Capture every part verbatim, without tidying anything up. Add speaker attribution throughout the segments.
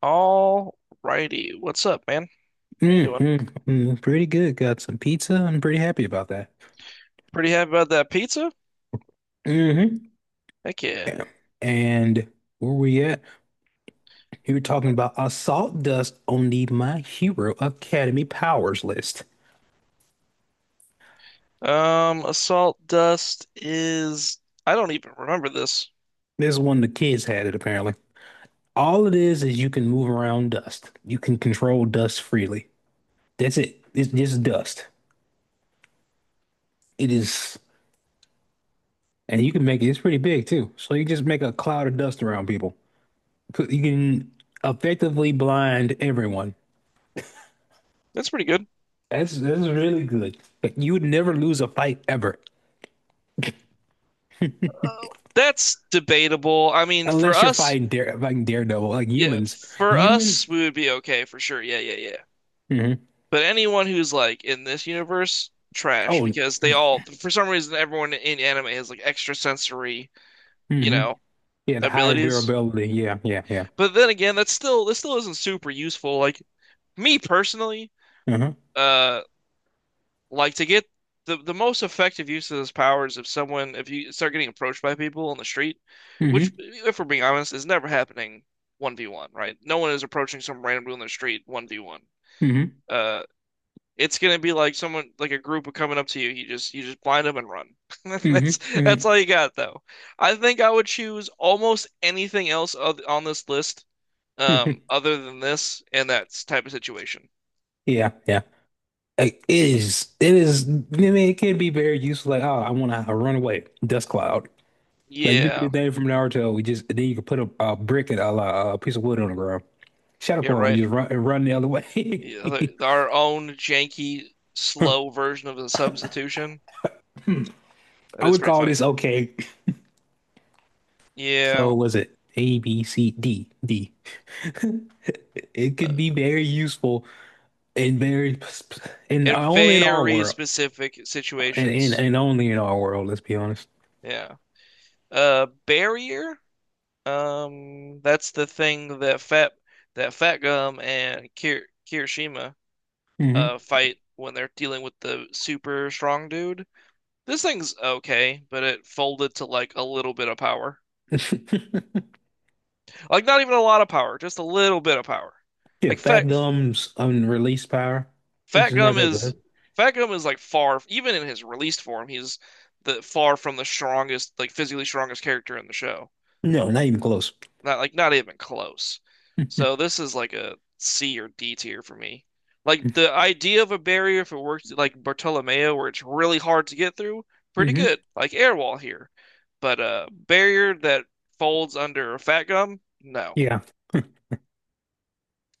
Speaker 1: All righty. What's up, man? How you doing?
Speaker 2: Mm, hmm. Pretty good. Got some pizza. I'm pretty happy about that.
Speaker 1: Pretty happy about that pizza?
Speaker 2: Hmm.
Speaker 1: Heck yeah.
Speaker 2: And where we at? You were talking about assault dust on the My Hero Academy powers list.
Speaker 1: Um, assault dust is, I don't even remember this.
Speaker 2: This is one the kids had it apparently. All it is is you can move around dust. You can control dust freely. That's it. It's just dust. It is, and you can make it. It's pretty big too. So you just make a cloud of dust around people. You can effectively blind everyone.
Speaker 1: That's pretty good.
Speaker 2: That's that's really good. Like you would never lose a fight ever,
Speaker 1: Oh. That's debatable. I mean, for
Speaker 2: unless you're
Speaker 1: us,
Speaker 2: fighting dare fighting Daredevil, like
Speaker 1: yeah,
Speaker 2: humans.
Speaker 1: for
Speaker 2: Human.
Speaker 1: us we would be okay for sure. Yeah, yeah, yeah.
Speaker 2: Hmm.
Speaker 1: But anyone who's like in this universe, trash,
Speaker 2: Oh.
Speaker 1: because they all for some reason everyone in anime has like extra sensory, you
Speaker 2: Hmm.
Speaker 1: know,
Speaker 2: Yeah, the higher
Speaker 1: abilities.
Speaker 2: durability. Yeah, yeah, yeah.
Speaker 1: But then again, that's still that still isn't super useful. Like me personally,
Speaker 2: Hmm.
Speaker 1: uh like to get the the most effective use of this powers. If someone if you start getting approached by people on the street,
Speaker 2: Hmm.
Speaker 1: which if we're being honest is never happening one v one, right? No one is approaching some random dude on the street one v one.
Speaker 2: Hmm.
Speaker 1: Uh it's gonna be like someone, like a group of coming up to you. You just you just blind them and run.
Speaker 2: Hmm.
Speaker 1: That's that's
Speaker 2: Hmm.
Speaker 1: all you got though. I think I would choose almost anything else on this list, um other than this and that type of situation.
Speaker 2: Yeah, yeah. Like, it is. It is. I mean, it can be very useful. Like, oh, I want to run away. Dust cloud. Like you can do
Speaker 1: Yeah.
Speaker 2: the thing from Naruto. We just then you can put a, a brick and a, a piece of wood on the ground. Shut up,
Speaker 1: Yeah,
Speaker 2: and
Speaker 1: right.
Speaker 2: just run and run the other
Speaker 1: You know,
Speaker 2: way.
Speaker 1: th- our own janky, slow version of the substitution. That
Speaker 2: I
Speaker 1: is
Speaker 2: would
Speaker 1: pretty
Speaker 2: call
Speaker 1: funny.
Speaker 2: this okay. So
Speaker 1: Yeah,
Speaker 2: was it A, B, C, D, D? It
Speaker 1: uh,
Speaker 2: could be very useful and very, and
Speaker 1: in
Speaker 2: only in our
Speaker 1: very
Speaker 2: world,
Speaker 1: specific
Speaker 2: and and,
Speaker 1: situations.
Speaker 2: and only in our world. Let's be honest.
Speaker 1: Yeah. Uh, barrier. Um, that's the thing that Fat that Fat Gum and Kir Kirishima
Speaker 2: Hmm.
Speaker 1: uh fight when they're dealing with the super strong dude. This thing's okay, but it folded to like a little bit of power. Like not even a lot of power, just a little bit of power.
Speaker 2: Yeah,
Speaker 1: Like Fat
Speaker 2: Factum's unreleased power,
Speaker 1: Fat
Speaker 2: which is not
Speaker 1: Gum
Speaker 2: that
Speaker 1: is
Speaker 2: good.
Speaker 1: Fat Gum is like far, even in his released form, he's the far from the strongest, like physically strongest character in the show.
Speaker 2: No, not even close.
Speaker 1: Not like not even close. So this is like a C or D tier for me. Like
Speaker 2: Hmm.
Speaker 1: the idea of a barrier, if it works like Bartolomeo, where it's really hard to get through, pretty good. Like Airwall here, but a barrier that folds under a Fat Gum, no.
Speaker 2: Yeah,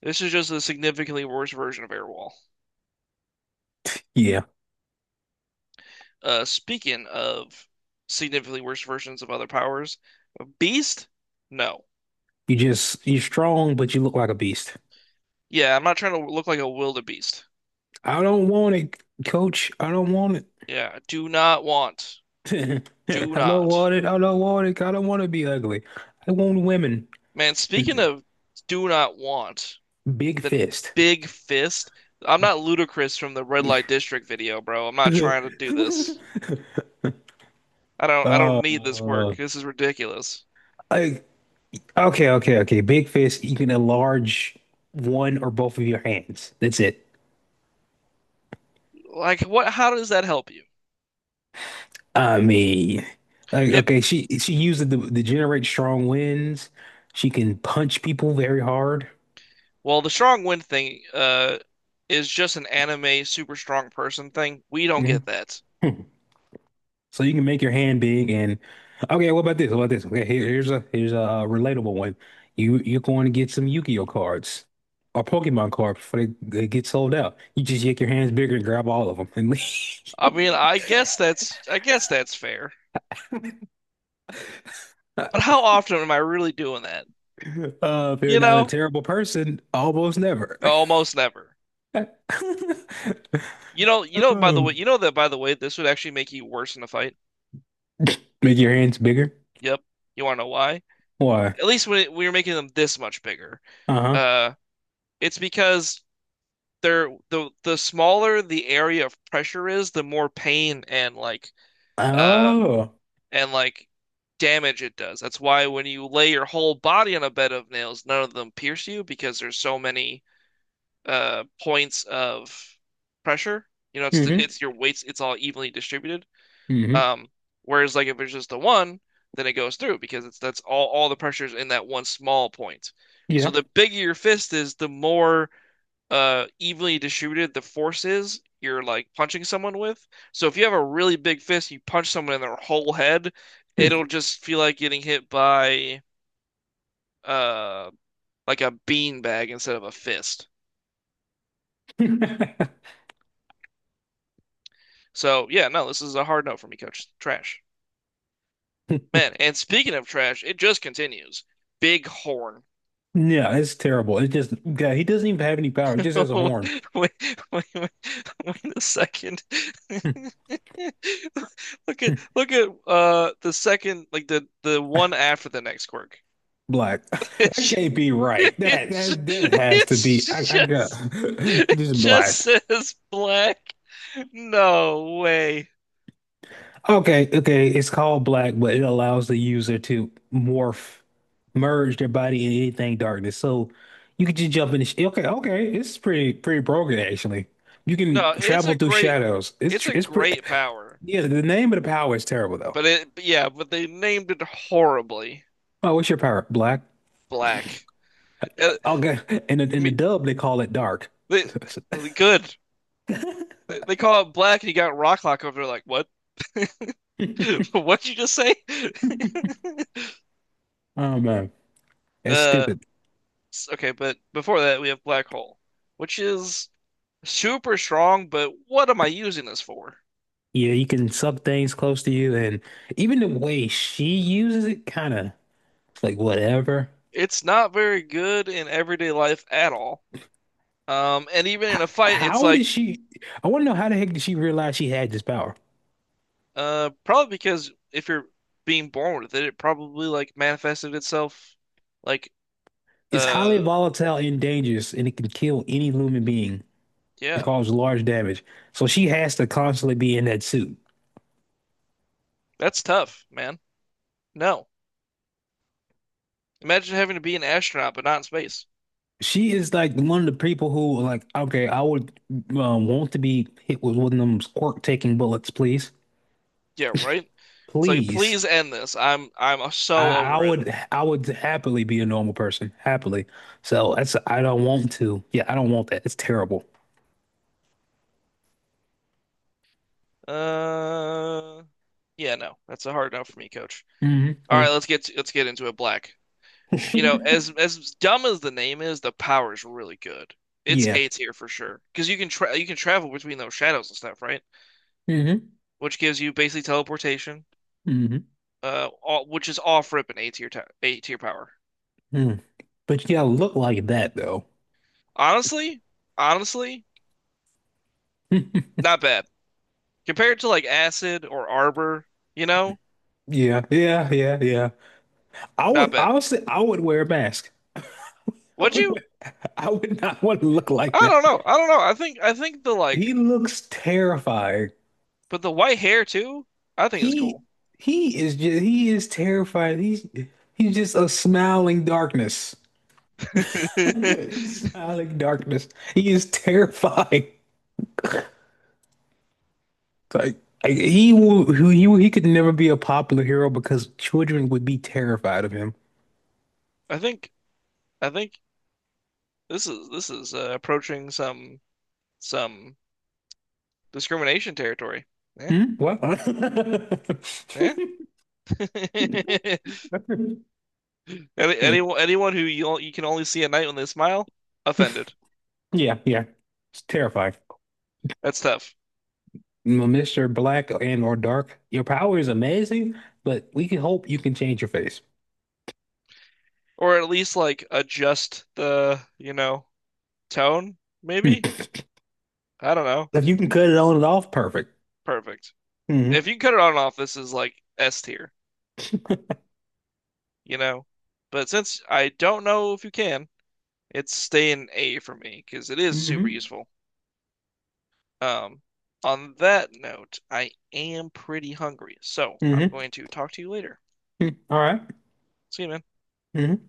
Speaker 1: This is just a significantly worse version of Airwall.
Speaker 2: yeah.
Speaker 1: Uh, speaking of significantly worse versions of other powers, Beast? No.
Speaker 2: You just you're strong, but you look like a beast.
Speaker 1: Yeah, I'm not trying to look like a wildebeest.
Speaker 2: I don't want it, coach. I don't want it.
Speaker 1: Yeah, do not want.
Speaker 2: I
Speaker 1: Do
Speaker 2: don't
Speaker 1: not.
Speaker 2: want it. I don't want it. I don't want to be ugly. I want women.
Speaker 1: Man, speaking of do not want,
Speaker 2: Big
Speaker 1: the
Speaker 2: fist.
Speaker 1: big fist. I'm not ludicrous from the red light district video, bro. I'm not trying to do this. I don't I don't need this
Speaker 2: Uh,
Speaker 1: quirk. This is ridiculous.
Speaker 2: like okay, okay, okay. Big fist. You can enlarge one or both of your hands. That's it.
Speaker 1: Like, what, how does that help you?
Speaker 2: I mean, like
Speaker 1: It
Speaker 2: okay, she she uses the to to generate strong winds. She can punch people very hard.
Speaker 1: Well, the strong wind thing uh is just an anime super strong person thing. We don't get
Speaker 2: Mhm.
Speaker 1: that.
Speaker 2: So you can make your hand big and okay, what about this? What about this? Okay, here, here's a here's a uh, relatable one. You you're going to get some Yu-Gi-Oh cards or Pokemon cards before they, they get sold out. You just make your hands bigger and grab all of them and
Speaker 1: I mean,
Speaker 2: leave.
Speaker 1: I guess that's I guess that's fair. But how often am I really doing that?
Speaker 2: Uh, if you're
Speaker 1: You
Speaker 2: not a
Speaker 1: know?
Speaker 2: terrible person, almost never.
Speaker 1: Almost never. You know, you know by the way,
Speaker 2: Um,
Speaker 1: you know that by the way, this would actually make you worse in a fight.
Speaker 2: make your hands bigger.
Speaker 1: Yep. You want to know why?
Speaker 2: Why?
Speaker 1: At least when it- we were making them this much bigger.
Speaker 2: Uh-huh.
Speaker 1: Uh it's because they're the the smaller the area of pressure is, the more pain, and like uh
Speaker 2: Oh.
Speaker 1: and like damage it does. That's why when you lay your whole body on a bed of nails, none of them pierce you because there's so many uh points of pressure. You know, it's the,
Speaker 2: Mm-hmm.
Speaker 1: it's your weights, it's all evenly distributed. Um, whereas like if it's just the one, then it goes through because it's that's all all the pressure's in that one small point. So
Speaker 2: Mm-hmm.
Speaker 1: the bigger your fist is, the more uh evenly distributed the forces you're like punching someone with. So if you have a really big fist, you punch someone in their whole head,
Speaker 2: Yeah.
Speaker 1: it'll just feel like getting hit by uh like a beanbag instead of a fist. So yeah, no, this is a hard note for me, coach. Trash. Man, and speaking of trash, it just continues. Big horn.
Speaker 2: Yeah, it's terrible. It just, yeah, he doesn't even have any power. He just has a
Speaker 1: Oh,
Speaker 2: horn.
Speaker 1: wait, wait, wait, wait a second. Look at look at uh the second, like the the one after the next quirk.
Speaker 2: Black. That
Speaker 1: It's
Speaker 2: can't be right. That
Speaker 1: it's
Speaker 2: that that has to be. I,
Speaker 1: it's
Speaker 2: I got
Speaker 1: just it
Speaker 2: just
Speaker 1: just
Speaker 2: black.
Speaker 1: says black. No way.
Speaker 2: Okay, okay. It's called black, but it allows the user to morph, merge their body in anything darkness. So you could just jump in. The sh Okay, okay. It's pretty pretty broken actually. You can
Speaker 1: No, it's a
Speaker 2: travel through
Speaker 1: great
Speaker 2: shadows. It's
Speaker 1: it's
Speaker 2: tr-
Speaker 1: a
Speaker 2: it's pretty.
Speaker 1: great power,
Speaker 2: Yeah, the name of the power is terrible though.
Speaker 1: but it yeah, but they named it horribly.
Speaker 2: Oh, what's your power? Black.
Speaker 1: Black. Uh,
Speaker 2: Okay. In the, in the
Speaker 1: me,
Speaker 2: dub, they call it dark.
Speaker 1: they, Good. They call it black, and you got Rocklock over there. Like, what? What'd you just say?
Speaker 2: Oh man, that's
Speaker 1: Uh,
Speaker 2: stupid.
Speaker 1: okay, but before that, we have Black Hole, which is super strong. But what am I using this for?
Speaker 2: Yeah, you can sub things close to you, and even the way she uses it, kind of like whatever.
Speaker 1: It's not very good in everyday life at all. Um, and even
Speaker 2: How,
Speaker 1: in a fight, it's
Speaker 2: how
Speaker 1: like,
Speaker 2: did she? I want to know how the heck did she realize she had this power?
Speaker 1: uh, probably because if you're being born with it, it probably like manifested itself. Like,
Speaker 2: It's highly
Speaker 1: uh,
Speaker 2: volatile and dangerous, and it can kill any human being and
Speaker 1: yeah,
Speaker 2: cause large damage. So she has to constantly be in that suit.
Speaker 1: that's tough, man. No, imagine having to be an astronaut but not in space.
Speaker 2: She is like one of the people who are like, okay, I would um, want to be hit with one of them quirk-taking bullets, please.
Speaker 1: Yeah, right? It's like,
Speaker 2: Please.
Speaker 1: please end this. I'm I'm
Speaker 2: I,
Speaker 1: so
Speaker 2: I
Speaker 1: over it.
Speaker 2: would I would happily be a normal person. Happily. So that's I don't want to. Yeah, I don't want that. It's terrible.
Speaker 1: Uh, yeah, no, that's a hard no for me, coach.
Speaker 2: Hmm.
Speaker 1: All right,
Speaker 2: Yeah.
Speaker 1: let's get let's get into it, Black. You know, as as dumb as the name is, the power is really good. It's
Speaker 2: Yeah.
Speaker 1: A tier for sure because you can tra you can travel between those shadows and stuff, right?
Speaker 2: Hmm.
Speaker 1: Which gives you basically teleportation,
Speaker 2: Hmm.
Speaker 1: uh, all, which is off rip an A tier ta- A tier power.
Speaker 2: Mm. But you gotta look like that though.
Speaker 1: Honestly, honestly, not bad compared to like Acid or Arbor. You know,
Speaker 2: Yeah, yeah, yeah, yeah. I
Speaker 1: not
Speaker 2: would
Speaker 1: bad.
Speaker 2: honestly I would wear a mask. I
Speaker 1: Would
Speaker 2: would
Speaker 1: you?
Speaker 2: wear, I would not want to look
Speaker 1: I
Speaker 2: like
Speaker 1: don't
Speaker 2: that.
Speaker 1: know. I don't know. I think I think the, like,
Speaker 2: He looks terrifying.
Speaker 1: but the white hair too. I think it's
Speaker 2: He
Speaker 1: cool.
Speaker 2: he is just he is terrified. He's he's just a smiling darkness. He's smiling darkness. He is terrifying. Like, like he will, he he could never be a popular hero because children would be terrified of him.
Speaker 1: I think I think this is this is, uh, approaching some some discrimination territory. Yeah,
Speaker 2: Hmm? What?
Speaker 1: yeah. Any, anyone, anyone who you, you can only see at night when they smile, offended.
Speaker 2: Yeah, yeah. It's terrifying.
Speaker 1: That's tough.
Speaker 2: M- mister Black and or Dark, your power is amazing, but we can hope you can change your face.
Speaker 1: Or at least like adjust the, you know, tone, maybe?
Speaker 2: Hmm.
Speaker 1: I don't know.
Speaker 2: If you can cut it on and off, perfect.
Speaker 1: Perfect.
Speaker 2: Hmm.
Speaker 1: If you can cut it on and off, this is like S tier. you know. But since I don't know if you can, it's staying A for me because it is super
Speaker 2: Hmm.
Speaker 1: useful. Um, on that note, I am pretty hungry, so I'm
Speaker 2: Hmm.
Speaker 1: going to talk to you later.
Speaker 2: All right.
Speaker 1: See you, man.
Speaker 2: Mhm.